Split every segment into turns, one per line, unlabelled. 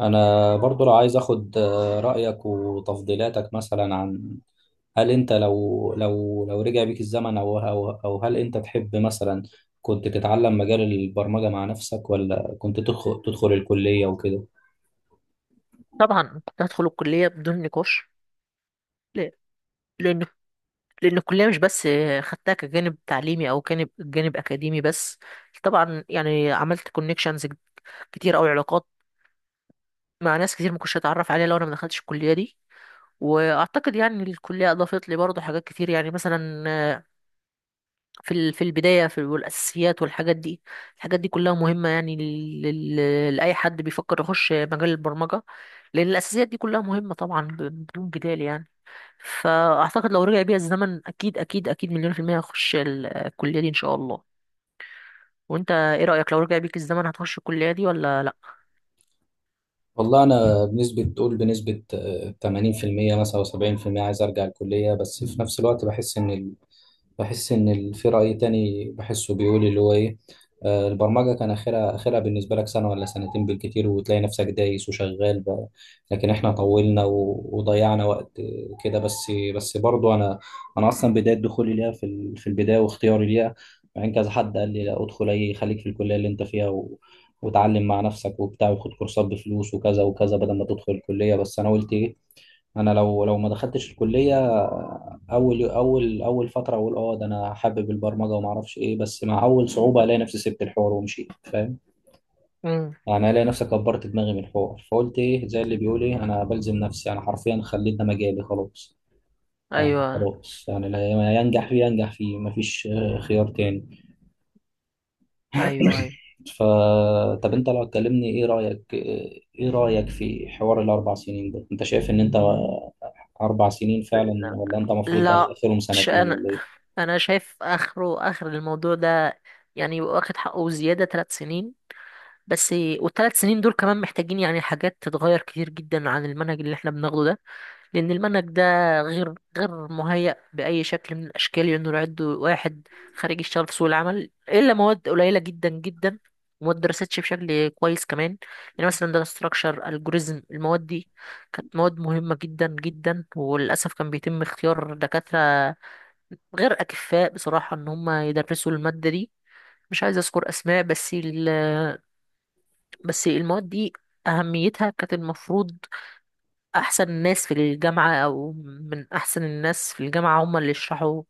انا برضو لو عايز اخد آه، رايك وتفضيلاتك مثلا عن، هل انت لو رجع بيك الزمن او هل انت تحب مثلا كنت تتعلم مجال البرمجه مع نفسك، ولا كنت تدخل الكليه وكده.
طبعا كنت هدخل الكلية بدون نقاش. لا- لأن لأن الكلية مش بس خدتها كجانب تعليمي أو جانب أكاديمي بس. طبعا يعني عملت كونكشنز كتير أو علاقات مع ناس كتير ما كنتش أتعرف عليها لو أنا ما دخلتش الكلية دي، وأعتقد يعني الكلية أضافت لي برضه حاجات كتير، يعني مثلا في البداية، في والأساسيات والحاجات دي. الحاجات دي كلها مهمة يعني لأي حد بيفكر يخش مجال البرمجة، لأن الأساسيات دي كلها مهمة طبعا بدون جدال يعني. فاعتقد لو رجع بيا الزمن اكيد اكيد اكيد مليون% هخش الكلية دي ان شاء الله. وانت ايه رأيك؟ لو رجع بيك الزمن هتخش الكلية دي ولا لا؟
والله انا بنسبه تقول بنسبه 80% مثلا او 70%، عايز ارجع الكليه، بس في نفس الوقت بحس ان، في رأي تاني بحسه بيقول اللي هو ايه، البرمجة كان اخرها بالنسبة لك سنة ولا سنتين بالكتير، وتلاقي نفسك دايس وشغال بقى. لكن احنا طولنا وضيعنا وقت كده، بس برضو انا، اصلا بداية دخولي ليها في البداية واختياري ليها، مع ان كذا حد قال لي لا ادخل، اي خليك في الكلية اللي انت فيها وتعلم مع نفسك وبتاع، وخد كورسات بفلوس وكذا وكذا بدل ما تدخل الكلية. بس انا قلت ايه، انا لو ما دخلتش الكليه، اول فتره اقول اه ده انا حابب البرمجه وما اعرفش ايه، بس مع اول صعوبه الاقي نفسي سبت الحوار ومشيت فاهم،
امم.
يعني الاقي نفسي كبرت دماغي من الحوار، فقلت ايه، زي اللي بيقول ايه، انا بلزم نفسي، انا حرفيا خليت ده مجالي خلاص.
ايوه
خلاص، يعني اللي ينجح فيه ينجح فيه، مفيش خيار تاني.
ايوه ايوه.
ف طب انت لو تكلمني، ايه رايك، ايه رايك في حوار ال4 سنين ده، انت شايف ان انت 4 سنين فعلا، ولا انت المفروض
لا،
اخرهم
ش-
سنتين
انا
ولا ايه؟
انا شايف اخر الموضوع ده يعني يبقى واخد حقه زيادة 3 سنين بس، والثلاث سنين دول كمان محتاجين يعني حاجات تتغير كتير جدا عن المنهج اللي احنا بناخده ده، لأن المنهج ده غير مهيأ بأي شكل من الأشكال إنه يعد واحد خارج يشتغل في سوق العمل، إلا مواد قليلة جدا جدا وما اتدرستش بشكل كويس كمان. يعني مثلا ده ستراكشر الجوريزم، المواد دي كانت مواد مهمة جدا جدا، وللأسف كان بيتم اختيار دكاترة غير أكفاء بصراحة إن هم يدرسوا المادة دي. مش عايز أذكر أسماء بس ال بس المواد دي أهميتها كانت المفروض احسن ناس في الجامعة او من احسن الناس في الجامعة هم اللي يشرحوا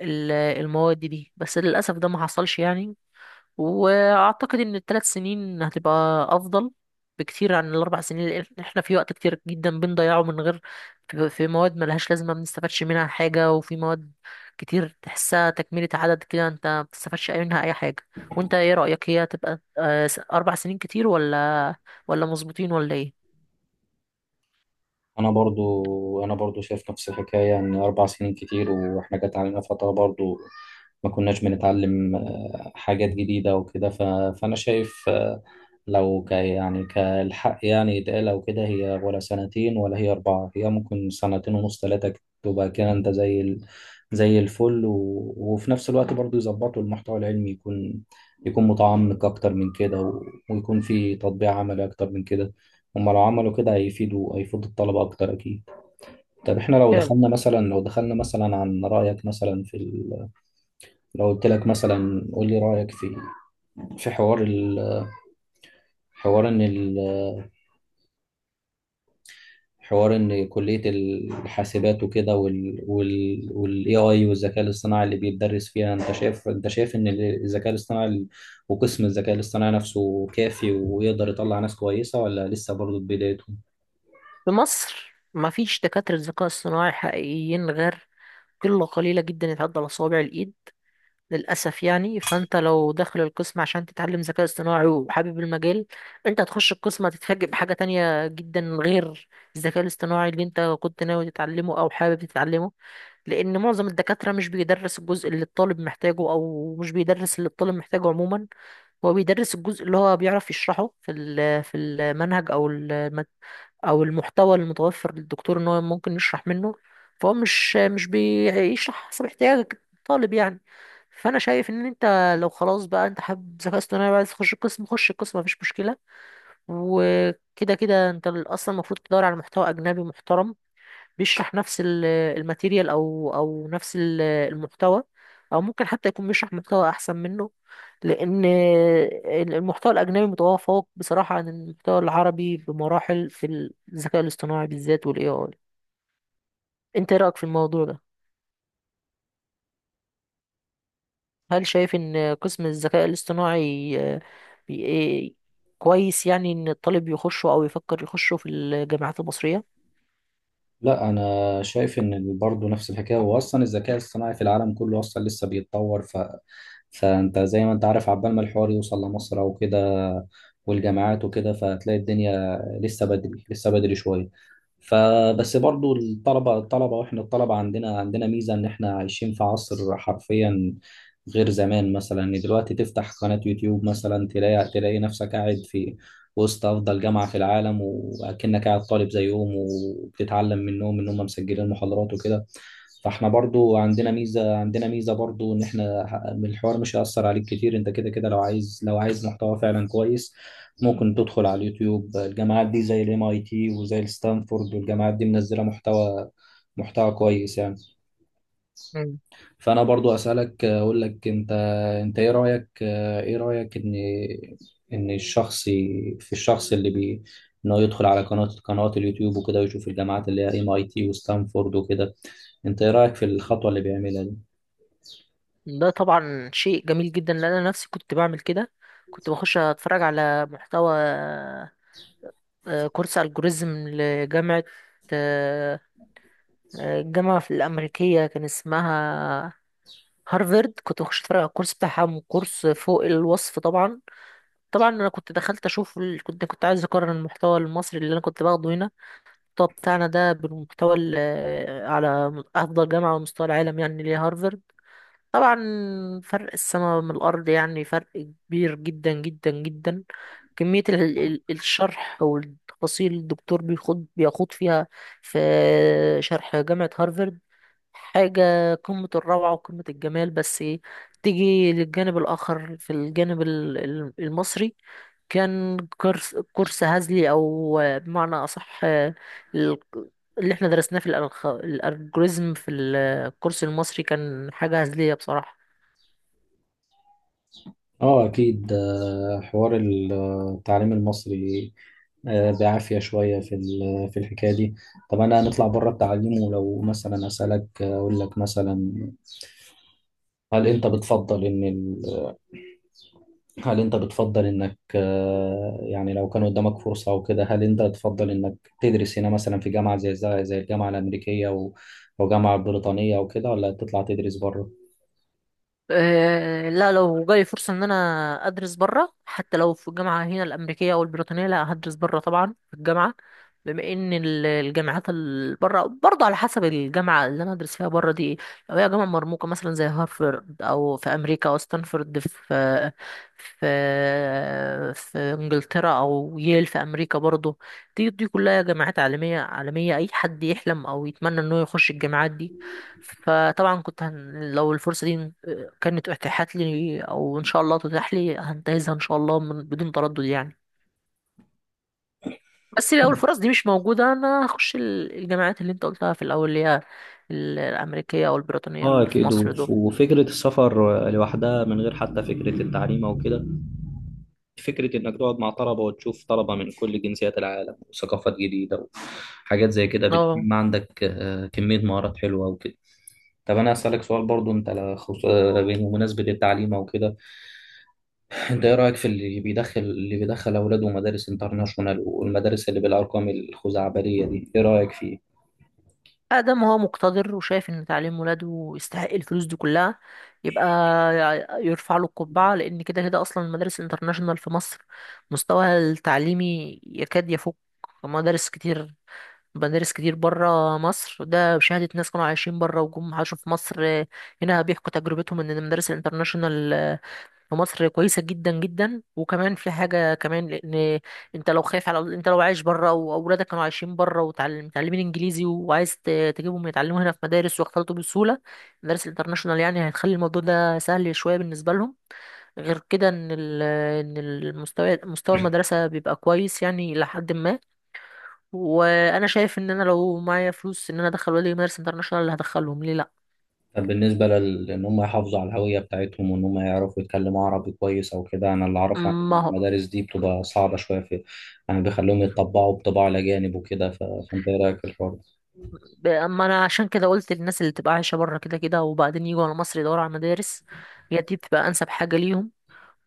المواد دي، بس للاسف ده ما حصلش يعني. واعتقد ان ال3 سنين هتبقى افضل بكتير عن ال4 سنين، لان احنا في وقت كتير جدا بنضيعه من غير، في مواد ملهاش لازمة ما بنستفادش منها حاجة، وفي مواد كتير تحسها تكملة عدد كده انت ما بتستفادش منها اي حاجة. وانت ايه رأيك؟ هي هتبقى 4 سنين كتير، ولا ولا مظبوطين ولا ايه؟
انا برضو شايف نفس الحكايه، ان 4 سنين كتير، واحنا جت علينا فتره برضو ما كناش بنتعلم حاجات جديده وكده، فانا شايف، لو يعني كالحق يعني يتقال او كده، هي ولا سنتين ولا هي اربعه، هي ممكن سنتين ونص ثلاثه، تبقى كده انت زي الفل، وفي نفس الوقت برضو يظبطوا المحتوى العلمي، يكون، يكون متعمق اكتر من كده ويكون في تطبيق عملي اكتر من كده. هما لو عملوا كده هيفيدوا الطلبة أكتر أكيد. طب إحنا لو دخلنا مثلا، لو دخلنا مثلا عن رأيك مثلا لو قلت لك مثلا قول لي رأيك في، في حوار ال... حوار إن ال... حوار إن كلية الحاسبات وكده وال AI والذكاء الاصطناعي اللي بيتدرس فيها، أنت شايف إن الذكاء الاصطناعي وقسم الذكاء الاصطناعي نفسه كافي ويقدر يطلع ناس كويسة، ولا لسه برضه في بدايته؟
في مصر مفيش دكاترة ذكاء اصطناعي حقيقيين غير قلة قليلة جدا يتعدى على صوابع الإيد للأسف يعني. فأنت لو داخل القسم عشان تتعلم ذكاء اصطناعي وحابب المجال، أنت هتخش القسم هتتفاجئ بحاجة تانية جدا غير الذكاء الاصطناعي اللي أنت كنت ناوي تتعلمه أو حابب تتعلمه، لأن معظم الدكاترة مش بيدرس الجزء اللي الطالب محتاجه، أو مش بيدرس اللي الطالب محتاجه عموما. هو بيدرس الجزء اللي هو بيعرف يشرحه في المنهج أو المادة او المحتوى المتوفر للدكتور ان هو ممكن يشرح منه، فهو مش بيشرح حسب احتياجك الطالب يعني. فانا شايف ان انت لو خلاص بقى انت حابب ذكاء اصطناعي وعايز تخش القسم، خش القسم مفيش مشكله، وكده كده انت اصلا المفروض تدور على محتوى اجنبي محترم بيشرح نفس الماتيريال او نفس المحتوى، او ممكن حتى يكون بيشرح محتوى احسن منه، لان المحتوى الاجنبي متفوق بصراحه عن المحتوى العربي بمراحل في الذكاء الاصطناعي بالذات والاي اي. انت إيه رايك في الموضوع ده؟ هل شايف ان قسم الذكاء الاصطناعي آه، بي- إيه، كويس يعني ان الطالب يخشه او يفكر يخشه في الجامعات المصريه؟
لا انا شايف ان برضه نفس الحكايه، هو اصلا الذكاء الصناعي في العالم كله اصلا لسه بيتطور، فانت زي ما انت عارف عبال ما الحوار يوصل لمصر او كده والجامعات وكده، فهتلاقي الدنيا لسه بدري، لسه بدري شويه. فبس برضو الطلبة واحنا الطلبة عندنا ميزة، ان احنا عايشين في عصر حرفيا غير زمان. مثلا ان دلوقتي تفتح قناة يوتيوب مثلا، تلاقي نفسك قاعد في وسط افضل جامعة في العالم، واكنك قاعد طالب زيهم وبتتعلم منهم ان هم مسجلين محاضرات وكده. فاحنا برضو عندنا ميزة برضو، ان احنا الحوار مش هيأثر عليك كتير، انت كده كده لو عايز، لو عايز محتوى فعلا كويس، ممكن تدخل على اليوتيوب، الجامعات دي زي الام اي تي وزي الستانفورد، والجامعات دي منزله محتوى، كويس يعني. فانا برضو اسالك، اقول لك انت، ايه رايك ان، ان الشخص ي- في الشخص اللي بي انه يدخل على قنوات اليوتيوب وكده، ويشوف الجامعات اللي هي MIT وستانفورد وكده. انت ايه رايك في الخطوه اللي بيعملها دي؟
ده طبعا شيء جميل جدا، لان انا نفسي كنت بعمل كده. كنت بخش اتفرج على محتوى، كورس الجوريزم لجامعة، آه، الجامعة في الأمريكية كان اسمها هارفرد. كنت بخش اتفرج على الكورس بتاعها، كورس فوق الوصف طبعا. طبعا انا كنت دخلت اشوف كنت عايز اقارن المحتوى المصري اللي انا كنت باخده هنا، المحتوى بتاعنا ده، بالمحتوى على افضل جامعة على مستوى العالم يعني اللي هي هارفرد. طبعا فرق السماء من الأرض يعني، فرق كبير جدا جدا جدا. كمية الشرح والتفاصيل الدكتور بيخوض فيها في شرح جامعة هارفارد حاجة قمة الروعة وقمة الجمال. بس تيجي للجانب الآخر في الجانب المصري، كان كورس هزلي، أو بمعنى أصح اللي احنا درسناه في الألجوريزم في الكورس المصري كان حاجة هزلية بصراحة.
اه اكيد. حوار التعليم المصري بعافية شوية في الحكاية دي. طب أنا هنطلع بره التعليم، ولو مثلا أسألك أقول لك مثلا، هل أنت بتفضل إن ال... هل أنت بتفضل إنك يعني لو كان قدامك فرصة أو كده، هل أنت تفضل إنك تدرس هنا مثلا في جامعة زي الجامعة الأمريكية أو جامعة بريطانية أو كده، ولا تطلع تدرس بره؟
لا، لو جالي فرصة إن أنا أدرس برا حتى لو في الجامعة هنا الأمريكية أو البريطانية، لا هدرس برا طبعا في الجامعة، بما إن الجامعات اللي برا برضه على حسب الجامعة اللي أنا أدرس فيها برا دي إيه. لو هي جامعة مرموقة مثلا زي هارفرد أو في أمريكا، أو ستانفورد في في إنجلترا، أو ييل في أمريكا برضه، دي كلها جامعات عالمية، عالمية أي حد يحلم أو يتمنى إنه يخش الجامعات دي. فطبعا كنت لو الفرصة دي كانت اتاحت لي او ان شاء الله تتاح لي هنتهزها ان شاء الله من بدون تردد يعني. بس لو الفرص دي مش موجوده انا هخش الجامعات اللي انت قلتها في الاول اللي هي الامريكيه او البريطانيه
اه
اللي في
اكيد.
مصر دول.
وفكره السفر لوحدها من غير حتى فكره التعليم او كده، فكرة إنك تقعد مع طلبة وتشوف طلبة من كل جنسيات العالم وثقافات جديدة وحاجات زي كده
اه.
بتنمي عندك كمية مهارات حلوة وكده. طب أنا هسألك سؤال برضو، أنت على بمناسبة التعليم أو كده، أنت إيه رأيك في اللي بيدخل أولاده مدارس انترناشونال، والمدارس اللي بالأرقام الخزعبلية دي، إيه رأيك فيه؟
ادم هو مقتدر وشايف ان تعليم ولاده يستحق الفلوس دي كلها، يبقى يرفع له القبعه، لان كده كده اصلا المدارس الانترناشونال في مصر مستواها التعليمي يكاد يفوق مدارس كتير، مدارس كتير بره مصر. ده بشهادة ناس كانوا عايشين بره وجم عاشوا في مصر، هنا بيحكوا تجربتهم ان المدارس الانترناشونال في مصر كويسة جدا جدا. وكمان في حاجة كمان، لان انت لو خايف على، انت لو عايش بره واولادك كانوا عايشين بره ومتعلمين انجليزي وعايز تجيبهم يتعلموا هنا في مدارس واختلطوا بسهولة، المدارس الانترناشونال يعني هتخلي الموضوع ده سهل شوية بالنسبة لهم. غير كده ان ان المستوى، مستوى المدرسة بيبقى كويس يعني لحد ما. وانا شايف ان انا لو معايا فلوس ان انا ادخل ولادي مدارس انترناشونال، اللي هدخلهم ليه؟ لا
لأن هم يحافظوا على الهوية بتاعتهم وإن هم يعرفوا يتكلموا عربي كويس أو كده، أنا اللي أعرفه عن
ما هو.
المدارس دي، بتبقى صعبة شوية في، يعني بيخلوهم يتطبعوا بطباع الأجانب وكده، فأنت إيه رأيك في الحوار ده؟
اما انا عشان كده قلت للناس اللي تبقى عايشه بره كده كده وبعدين يجوا على مصر يدوروا على مدارس، هي دي بتبقى انسب حاجه ليهم،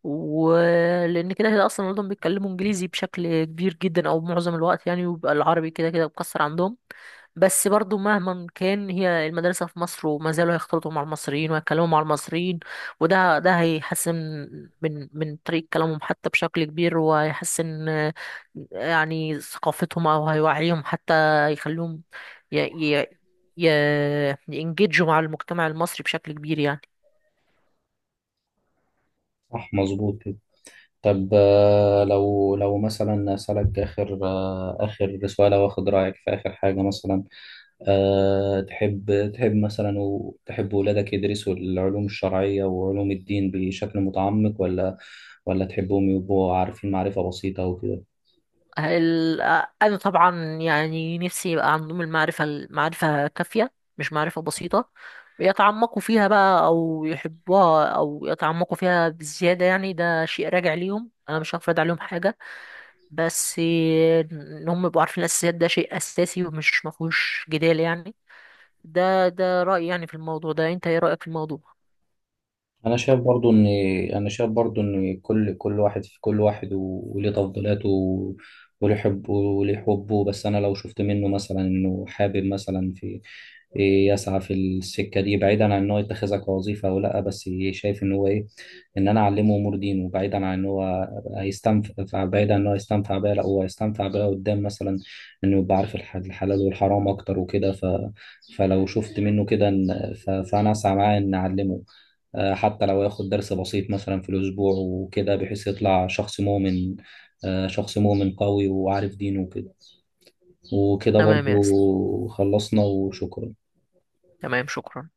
ولان كده كده اصلا اولادهم بيتكلموا انجليزي بشكل كبير جدا او معظم الوقت يعني، ويبقى العربي كده كده مكسر عندهم. بس برضو مهما كان هي المدرسة في مصر وما زالوا هيختلطوا مع المصريين ويتكلموا مع المصريين، وده ده هيحسن من طريقة كلامهم حتى بشكل كبير، وهيحسن يعني ثقافتهم أو هيوعيهم حتى، يخليهم ي ي ي ينجدجوا مع المجتمع المصري بشكل كبير يعني.
صح مظبوط كده. طب لو مثلا أسألك آخر آخر سؤال، أو آخد رأيك في آخر حاجة مثلا، أه تحب مثلا وتحب ولادك يدرسوا العلوم الشرعية وعلوم الدين بشكل متعمق، ولا تحبهم يبقوا عارفين معرفة بسيطة وكده؟
ال- انا طبعا يعني نفسي يبقى عندهم المعرفه كافيه مش معرفه بسيطه. يتعمقوا فيها بقى او يحبوها او يتعمقوا فيها بزياده، يعني ده شيء راجع ليهم، انا مش هفرض عليهم حاجه. بس ان هم يبقوا عارفين الاساسيات ده شيء اساسي ومش مفهوش جدال يعني. ده رايي يعني في الموضوع ده. انت ايه رايك في الموضوع؟
انا شايف برضو ان انا شايف برضو ان كل واحد وليه تفضيلاته، وليه حبه. بس انا لو شفت منه مثلا انه حابب، مثلا في إيه، يسعى في السكه دي، بعيدا عن ان هو يتخذها كوظيفه او لا، بس شايف ان هو ايه، ان انا اعلمه امور دينه، بعيدا عن ان هو هيستنفع، بعيدا عن ان هو هيستنفع بيها، لا هو هيستنفع بيها قدام مثلا، انه يبقى عارف الحلال والحرام اكتر وكده، فلو شفت منه كده فانا اسعى معاه ان اعلمه، حتى لو ياخد درس بسيط مثلا في الأسبوع وكده، بحيث يطلع شخص مؤمن، شخص مؤمن قوي وعارف دينه وكده. وكده
تمام يا اسلام،
برضو خلصنا وشكرا.
تمام شكرا.